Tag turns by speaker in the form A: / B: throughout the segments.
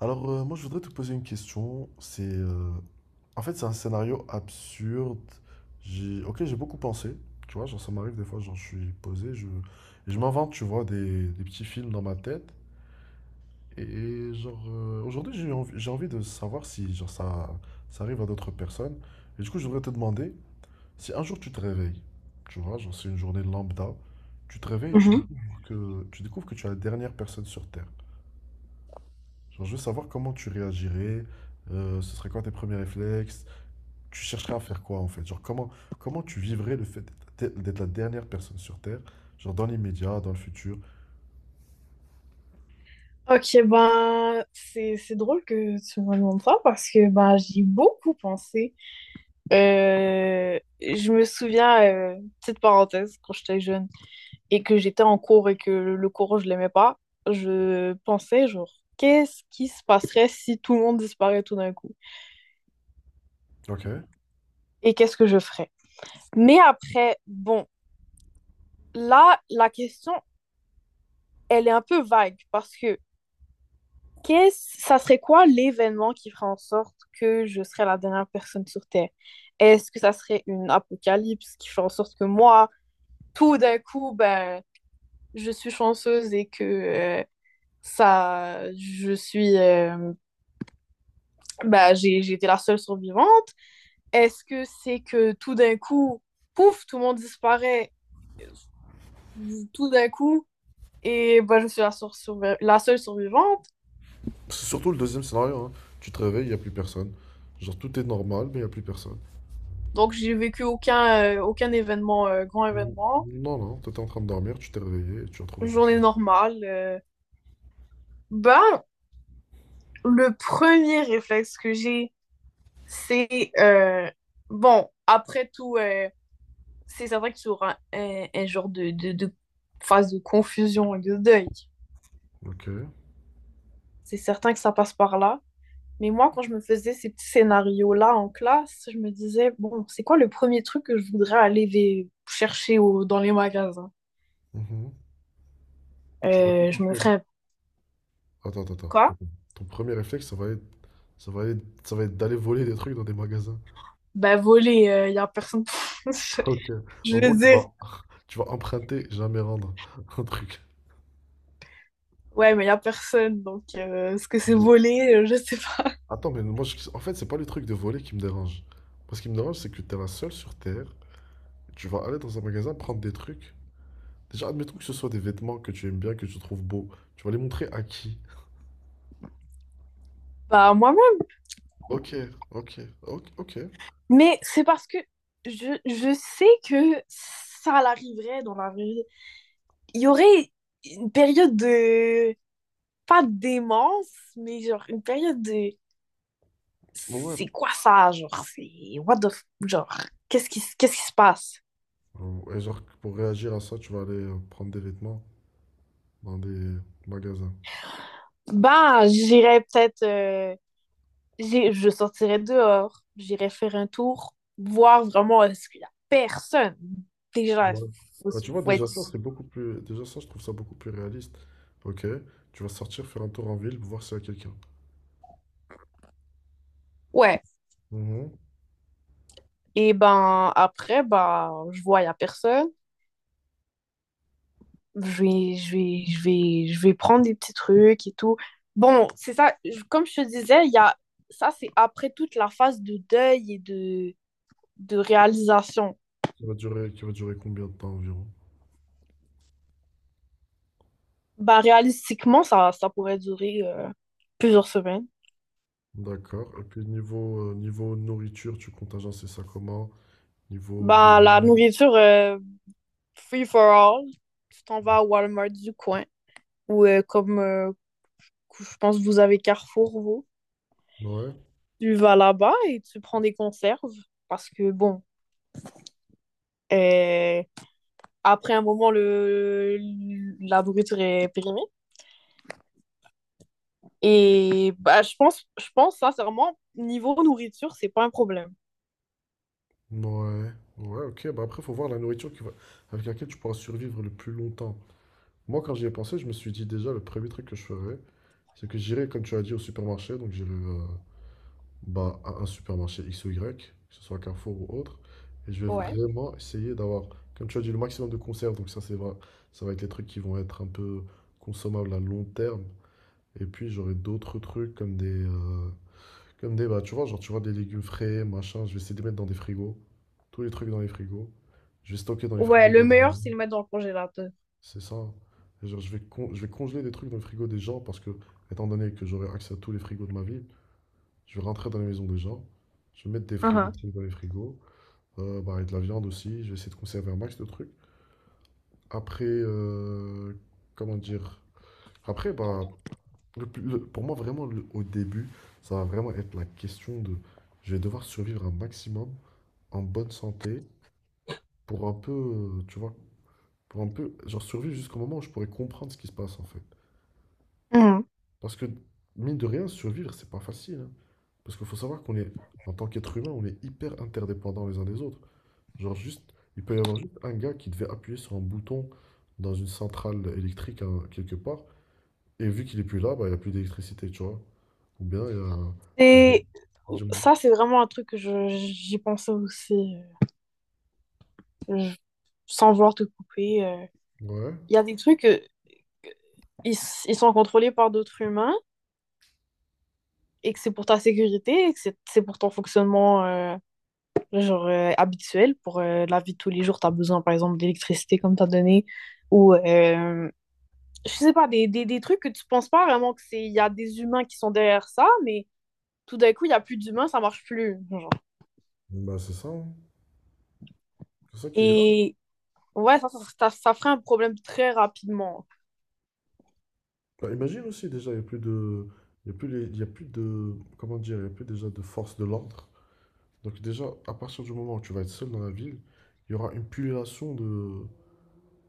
A: Alors, moi, je voudrais te poser une question. C'est, en fait, c'est un scénario absurde. J'ai, ok, j'ai beaucoup pensé. Tu vois, genre, ça m'arrive des fois, genre, je suis posé, et je m'invente, tu vois, des petits films dans ma tête. Et genre, aujourd'hui, j'ai envie de savoir si, genre, ça arrive à d'autres personnes. Et du coup, je voudrais te demander si un jour tu te réveilles, tu vois, genre, c'est une journée lambda, tu te réveilles et tu
B: Mhm.
A: découvres tu découvres que tu es la dernière personne sur Terre. Genre, je veux savoir comment tu réagirais, ce serait quoi tes premiers réflexes, tu chercherais à faire quoi en fait? Genre, comment tu vivrais le fait d'être la dernière personne sur Terre, genre dans l'immédiat, dans le futur.
B: Ok, ben, c'est drôle que tu me demandes ça parce que ben, j'y ai beaucoup pensé. Je me souviens, petite parenthèse, quand j'étais jeune et que j'étais en cours et que le cours, je l'aimais pas, je pensais, genre, qu'est-ce qui se passerait si tout le monde disparaît tout d'un coup?
A: Ok.
B: Et qu'est-ce que je ferais? Mais après, bon, là, la question, elle est un peu vague parce que ça serait quoi l'événement qui ferait en sorte que je serais la dernière personne sur Terre? Est-ce que ça serait une apocalypse qui ferait en sorte que moi, tout d'un coup, ben, je suis chanceuse et que ça, je suis, ben, j'ai été la seule survivante? Est-ce que c'est que tout d'un coup, pouf, tout le monde disparaît tout d'un coup et ben, je suis la seule survivante?
A: C'est surtout le deuxième scénario, hein. Tu te réveilles, il n'y a plus personne. Genre, tout est normal, mais il n'y a plus personne.
B: Donc, j'ai vécu aucun événement, grand événement.
A: Non, non, t'étais en train de dormir, tu t'es réveillé et tu as trouvé personne.
B: Journée normale. Ben, le premier réflexe que j'ai, c'est bon, après tout, c'est certain qu'il y aura un genre de phase de confusion et de deuil.
A: Ok.
B: C'est certain que ça passe par là. Mais moi, quand je me faisais ces petits scénarios-là en classe, je me disais, bon, c'est quoi le premier truc que je voudrais aller chercher dans les magasins?
A: Mhm. Tu vas
B: Je me
A: dépenser, là.
B: ferais
A: Attends, attends, attends.
B: quoi?
A: attends. Ton premier réflexe, ça va être, ça va être d'aller voler des trucs dans des magasins.
B: Ben, voler, il y a personne.
A: Ok.
B: Je
A: En gros,
B: veux
A: tu
B: dire,
A: vas, tu vas emprunter, jamais rendre un truc.
B: ouais, mais il n'y a personne, donc est-ce que c'est
A: Mais-
B: volé? Je sais pas.
A: Attends, mais moi, en fait, c'est pas le truc de voler qui me dérange. Moi, ce qui me dérange, c'est que t'es la seule sur Terre. Tu vas aller dans un magasin prendre des trucs. Déjà, admettons que ce soit des vêtements que tu aimes bien, que tu trouves beaux. Tu vas les montrer à qui?
B: Bah, moi-même.
A: Ok, ok.
B: Mais c'est parce que je sais que ça l'arriverait dans la vraie vie. Il y aurait une période de pas de démence, mais genre une période de
A: Ouais.
B: c'est quoi ça, genre? C'est what the genre, qu'est-ce qui se passe?
A: Et genre, pour réagir à ça, tu vas aller prendre des vêtements dans des magasins.
B: Ben, j'irais peut-être, je sortirais dehors, j'irais faire un tour, voir vraiment est-ce qu'il y a personne. Déjà,
A: Ouais.
B: faut,
A: Bah, tu vois,
B: faut
A: déjà
B: être.
A: ça, c'est beaucoup plus. Déjà ça, je trouve ça beaucoup plus réaliste. Ok, tu vas sortir, faire un tour en ville, voir s'il y a quelqu'un.
B: Ouais.
A: Mhm.
B: Et ben après, ben, je vois, il y a personne. Je vais prendre des petits trucs et tout. Bon, c'est ça, comme je te disais, il y a ça, c'est après toute la phase de deuil et de réalisation.
A: Qui va durer combien de temps environ?
B: Ben, réalistiquement, ça pourrait durer plusieurs semaines.
A: D'accord. Et puis niveau nourriture, tu comptes agencer ça comment? Niveau
B: Ben,
A: doudou.
B: la nourriture, free for all, tu t'en vas à Walmart du coin ou comme je pense que vous avez Carrefour, vous.
A: Ouais,
B: Tu vas là-bas et tu prends des conserves parce que bon, euh, après un moment, la nourriture est périmée. Et bah, je pense sincèrement, niveau nourriture, c'est pas un problème.
A: ouais, ouais, ok. Bah après, faut voir la nourriture qui va... avec laquelle tu pourras survivre le plus longtemps. Moi, quand j'y ai pensé, je me suis dit déjà, le premier truc que je ferais, c'est que j'irai, comme tu as dit, au supermarché. Donc j'irai. Bah, à un supermarché X ou Y, que ce soit Carrefour ou autre. Et je vais
B: Ouais.
A: vraiment essayer d'avoir, comme tu as dit, le maximum de conserves. Donc ça, c'est vrai, ça va être les trucs qui vont être un peu consommables à long terme. Et puis j'aurai d'autres trucs comme des, bah, tu vois, genre tu vois des légumes frais, machin. Je vais essayer de les mettre dans des frigos, tous les trucs dans les frigos. Je vais stocker dans les
B: Ouais,
A: frigos des
B: le meilleur,
A: gens.
B: c'est de le mettre dans le congélateur.
A: C'est ça. Et genre, je vais congeler des trucs dans le frigo des gens parce que, étant donné que j'aurai accès à tous les frigos de ma ville, je vais rentrer dans les maisons des gens. Je vais mettre des
B: Uh-huh.
A: trucs dans les frigos. Bah, et de la viande aussi. Je vais essayer de conserver un max de trucs. Après, comment dire? Après, bah, pour moi, vraiment, au début, ça va vraiment être la question de... Je vais devoir survivre un maximum en bonne santé pour un peu, tu vois, pour un peu, genre survivre jusqu'au moment où je pourrais comprendre ce qui se passe, en fait.
B: Mhm.
A: Parce que, mine de rien, survivre, c'est pas facile, hein. Parce qu'il faut savoir en tant qu'être humain, on est hyper interdépendants les uns des autres. Genre juste, il peut y avoir juste un gars qui devait appuyer sur un bouton dans une centrale électrique hein, quelque part, et vu qu'il est plus là, bah, il n'y a plus d'électricité, tu vois. Ou bien il y a le... bo-
B: Et
A: Dis-moi.
B: ça, c'est vraiment un truc que j'y pensais aussi, sans vouloir te couper. euh,
A: Ouais,
B: il y a des trucs, ils, ils sont contrôlés par d'autres humains et que c'est pour ta sécurité et que c'est pour ton fonctionnement genre, habituel. Pour la vie de tous les jours, tu as besoin, par exemple, d'électricité, comme tu as donné, ou je sais pas, des trucs que tu penses pas vraiment que il y a des humains qui sont derrière ça, mais tout d'un coup, il y a plus d'humains, ça marche plus, genre.
A: Bon, bah c'est ça, hein. C'est ça qui est grave.
B: Et ouais, ça ferait un problème très rapidement.
A: Bah, imagine aussi déjà, il n'y a plus de... il y a plus de... Comment dire? Il n'y a plus déjà de force de l'ordre. Donc déjà, à partir du moment où tu vas être seul dans la ville, il y aura une pullulation de,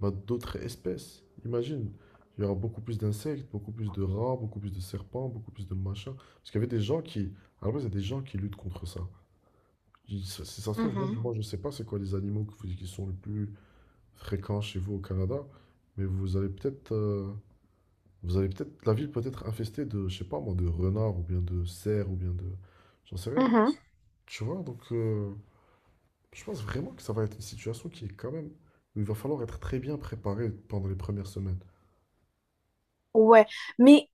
A: bah, d'autres espèces. Imagine, il y aura beaucoup plus d'insectes, beaucoup plus de rats, beaucoup plus de serpents, beaucoup plus de machins. Parce qu'il y avait des gens qui, à la base, il y a des gens qui luttent contre ça. Si si ça se trouve, même
B: Mhm.
A: moi je ne sais pas c'est quoi les animaux qui sont les plus fréquents chez vous au Canada, mais vous allez peut-être, la ville peut être infestée de, je sais pas moi, de renards ou bien de cerfs ou bien de, j'en sais rien.
B: Mhm.
A: Tu vois, donc je pense vraiment que ça va être une situation qui est quand même où il va falloir être très bien préparé pendant les premières semaines.
B: Ouais, mais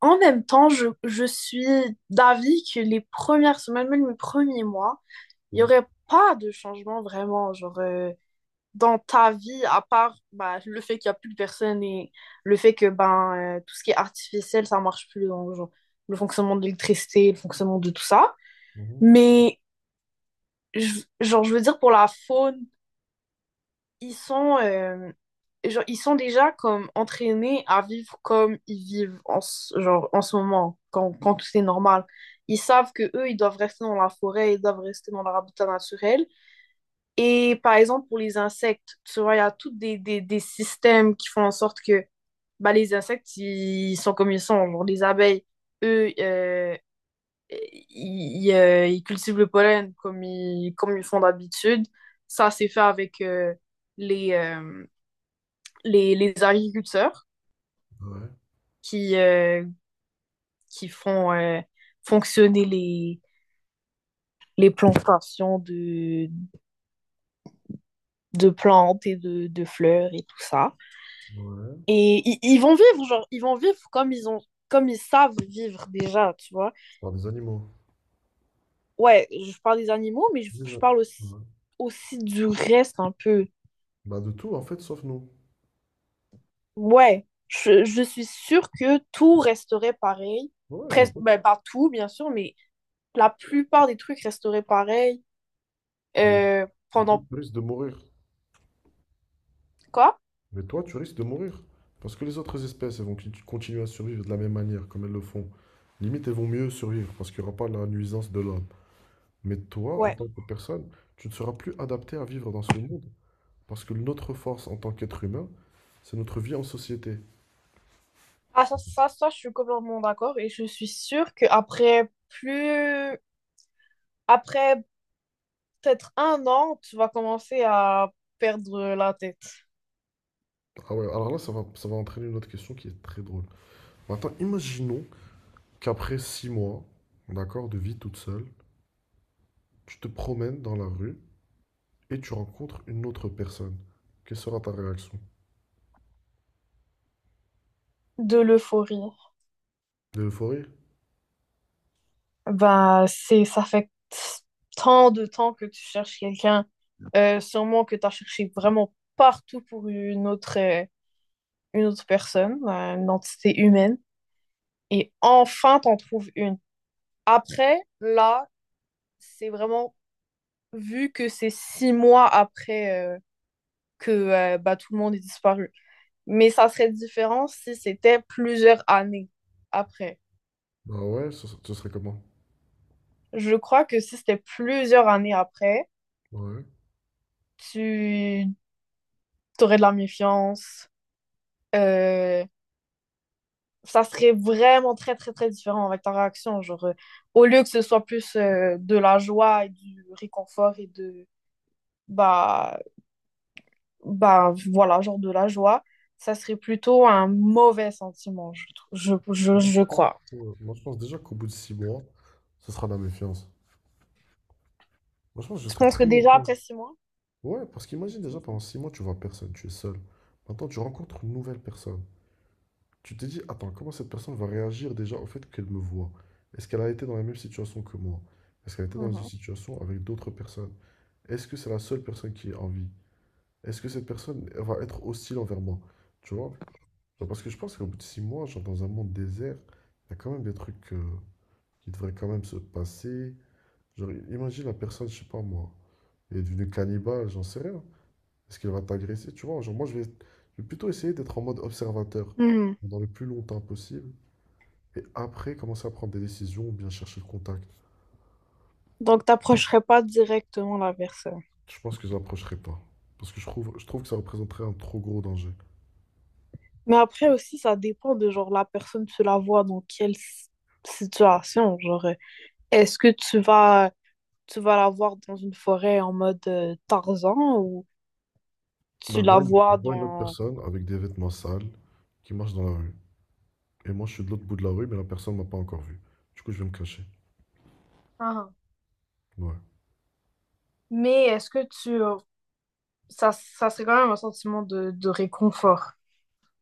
B: en même temps, je suis d'avis que les premières semaines, même les premiers mois, il n'y
A: Mhm.
B: aurait pas de changement vraiment, genre, dans ta vie, à part bah, le fait qu'il n'y a plus de personnes et le fait que ben, tout ce qui est artificiel, ça ne marche plus dans genre, le fonctionnement de l'électricité, le fonctionnement de tout ça.
A: Mhm.
B: Mais, genre, je veux dire, pour la faune, ils sont, genre, ils sont déjà comme entraînés à vivre comme ils vivent en, genre, en ce moment, quand, tout est normal. Ils savent que eux, ils doivent rester dans la forêt, ils doivent rester dans leur habitat naturel. Et par exemple, pour les insectes, tu vois, il y a tous des systèmes qui font en sorte que bah, les insectes, ils sont comme ils sont. Genre, les abeilles, eux, ils cultivent le pollen comme comme ils font d'habitude. Ça, c'est fait avec les, euh, les agriculteurs
A: Ouais,
B: qui, euh, qui font fonctionner les plantations de plantes et de fleurs et tout ça.
A: ouais.
B: Et ils vont vivre, genre, ils vont vivre comme comme ils savent vivre déjà, tu vois.
A: Je parle des animaux.
B: Ouais, je parle des animaux, mais je,
A: Des
B: je
A: a-
B: parle aussi,
A: ouais.
B: aussi du reste un peu.
A: Bah de tout en fait, sauf nous.
B: Ouais, je suis sûre que tout resterait pareil.
A: Ouais,
B: Presque, ben, pas tout, bien sûr, mais la plupart des trucs resteraient pareils
A: mais-
B: euh,
A: mais toi,
B: pendant
A: tu risques de mourir.
B: quoi?
A: Mais toi, tu risques de mourir. Parce que les autres espèces, elles vont continuer à survivre de la même manière, comme elles le font. Limite, elles vont mieux survivre, parce qu'il n'y aura pas la nuisance de l'homme. Mais toi, en
B: Ouais.
A: tant que personne, tu ne seras plus adapté à vivre dans ce monde. Parce que notre force en tant qu'être humain, c'est notre vie en société.
B: Ah, ça, je suis complètement d'accord et je suis sûre qu'après plus, après peut-être 1 an, tu vas commencer à perdre la tête
A: Ah ouais, alors là, ça va entraîner une autre question qui est très drôle. Maintenant, imaginons qu'après 6 mois, d'accord, de vie toute seule, tu te promènes dans la rue et tu rencontres une autre personne. Quelle sera ta réaction?
B: de l'euphorie.
A: De l'euphorie?
B: Bah, ça fait tant de temps que tu cherches quelqu'un, sûrement que tu as cherché vraiment partout pour une autre personne, une entité humaine, et enfin t'en trouves une. Après, là, c'est vraiment vu que c'est 6 mois après que bah, tout le monde est disparu. Mais ça serait différent si c'était plusieurs années après.
A: Bah ouais, ce serait comment?
B: Je crois que si c'était plusieurs années après,
A: Bah ouais.
B: tu aurais de la méfiance. euh, ça serait vraiment très, très, très différent avec ta réaction. Genre, au lieu que ce soit plus de la joie et du réconfort et bah, voilà, genre de la joie, ça serait plutôt un mauvais sentiment, je, trou-
A: Moi,
B: je crois.
A: moi, je pense déjà qu'au bout de 6 mois, ce sera la méfiance. Moi, je pense que je
B: Tu
A: serais
B: penses que
A: très
B: déjà
A: méfiant.
B: après 6 mois?
A: Ouais, parce qu'imagine déjà, pendant 6 mois, tu vois personne, tu es seul. Maintenant, tu rencontres une nouvelle personne. Tu t'es dit, attends, comment cette personne va réagir déjà au fait qu'elle me voit? Est-ce qu'elle a été dans la même situation que moi? Est-ce qu'elle a été dans une
B: Mhm.
A: situation avec d'autres personnes? Est-ce que c'est la seule personne qui est en vie? Est-ce que cette personne elle va être hostile envers moi? Tu vois? Genre, parce que je pense qu'au bout de six mois, genre dans un monde désert, il y a quand même des trucs qui devraient quand même se passer. Genre, imagine la personne, je sais pas moi, elle est devenue cannibale, j'en sais rien. Est-ce qu'elle va t'agresser? Tu vois? Genre, moi, je vais plutôt essayer d'être en mode observateur
B: Mhm.
A: pendant le plus longtemps possible et après, commencer à prendre des décisions ou bien chercher le contact.
B: Donc, t'approcherais pas directement la personne.
A: Je pense que je n'approcherai pas. Parce que je trouve que ça représenterait un trop gros danger.
B: Mais après aussi, ça dépend de genre la personne, tu la vois dans quelle situation. Genre, est-ce que tu vas la voir dans une forêt en mode Tarzan ou
A: Ben,
B: tu la
A: je
B: vois
A: vois une autre
B: dans.
A: personne avec des vêtements sales qui marche dans la rue. Et moi, je suis de l'autre bout de la rue, mais la personne m'a pas encore vu. Du coup, je vais me cacher.
B: Ah.
A: Ouais.
B: Mais est-ce que ça, ça serait quand même un sentiment de réconfort.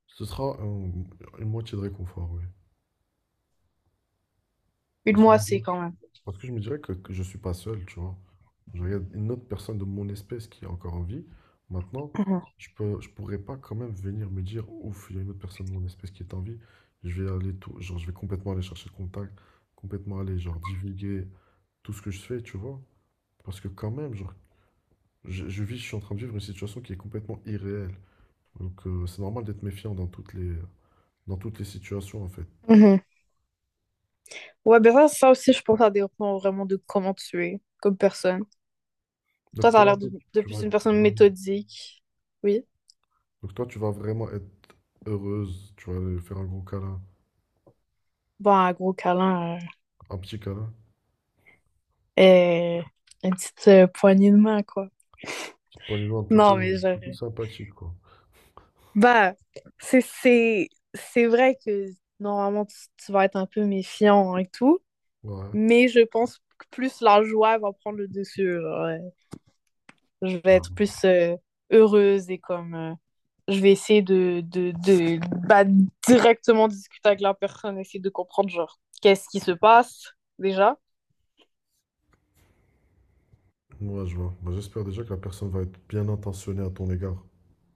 A: Ce sera un- une moitié de réconfort, oui.
B: Une
A: Parce que
B: moitié quand même.
A: Parce que je me dirais que je suis pas seul, tu vois. Je regarde une autre personne de mon espèce qui est encore en vie. Maintenant,
B: Mhm.
A: je pourrais pas quand même venir me dire, ouf, il y a une autre personne de mon espèce qui est en vie. Je vais aller tout, genre, je vais complètement aller chercher le contact, complètement aller, genre, divulguer tout ce que je fais, tu vois. Parce que quand même, genre, je suis en train de vivre une situation qui est complètement irréelle. Donc, c'est normal d'être méfiant dans dans toutes les situations, en fait.
B: Mhm. Ouais, ben ça aussi, je pense que ça dépend vraiment de comment tu es comme personne. Toi,
A: Donc,
B: t'as
A: toi, en
B: l'air de,
A: fait,
B: de
A: tu vas
B: plus une
A: être...
B: personne méthodique. Oui.
A: Donc toi, tu vas vraiment être heureuse, tu vas lui faire un gros câlin,
B: Bon, un gros câlin
A: un petit câlin,
B: et une petite poignée de main, quoi.
A: petite poignée de main
B: Non,
A: plutôt,
B: mais
A: plutôt sympathique, quoi.
B: bah, c'est, c'est, c'est vrai que normalement, tu vas être un peu méfiant et tout,
A: Ouais.
B: mais je pense que plus la joie va prendre le dessus, genre, ouais. Je vais
A: Ouais,
B: être plus heureuse et je vais essayer de bah, directement discuter avec la personne, essayer de comprendre, genre, qu'est-ce qui se passe déjà.
A: Ouais, je vois. Bah, j'espère déjà que la personne va être bien intentionnée à ton égard,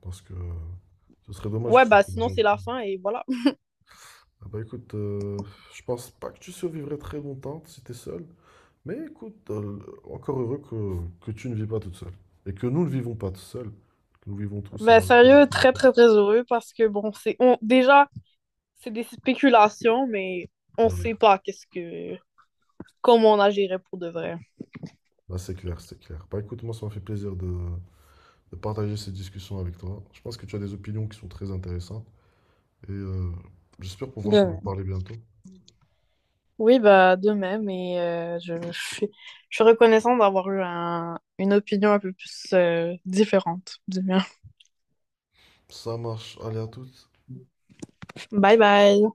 A: parce que ce serait dommage
B: Ouais,
A: que tu
B: bah
A: te
B: sinon,
A: fasses-
B: c'est la fin et voilà.
A: Ah bah écoute, je pense pas que tu survivrais très longtemps si t'es seule, mais écoute, encore heureux que tu ne vis pas toute seule, et que nous ne vivons pas tout seuls, que nous vivons tous
B: Bah,
A: en
B: sérieux, très,
A: collectivité.
B: très, très heureux parce que, bon, déjà, c'est des spéculations, mais on
A: Ouais.
B: sait pas qu'est-ce que comment on agirait pour de vrai.
A: Bah c'est clair, c'est clair. Bah écoute, moi ça m'a fait plaisir de partager ces discussions avec toi. Je pense que tu as des opinions qui sont très intéressantes et j'espère
B: De
A: pouvoir t'en
B: même.
A: parler bientôt.
B: Oui, bah de même, et je suis reconnaissante d'avoir eu une opinion un peu plus différente du mien.
A: Ça marche, allez à toutes.
B: Bye bye!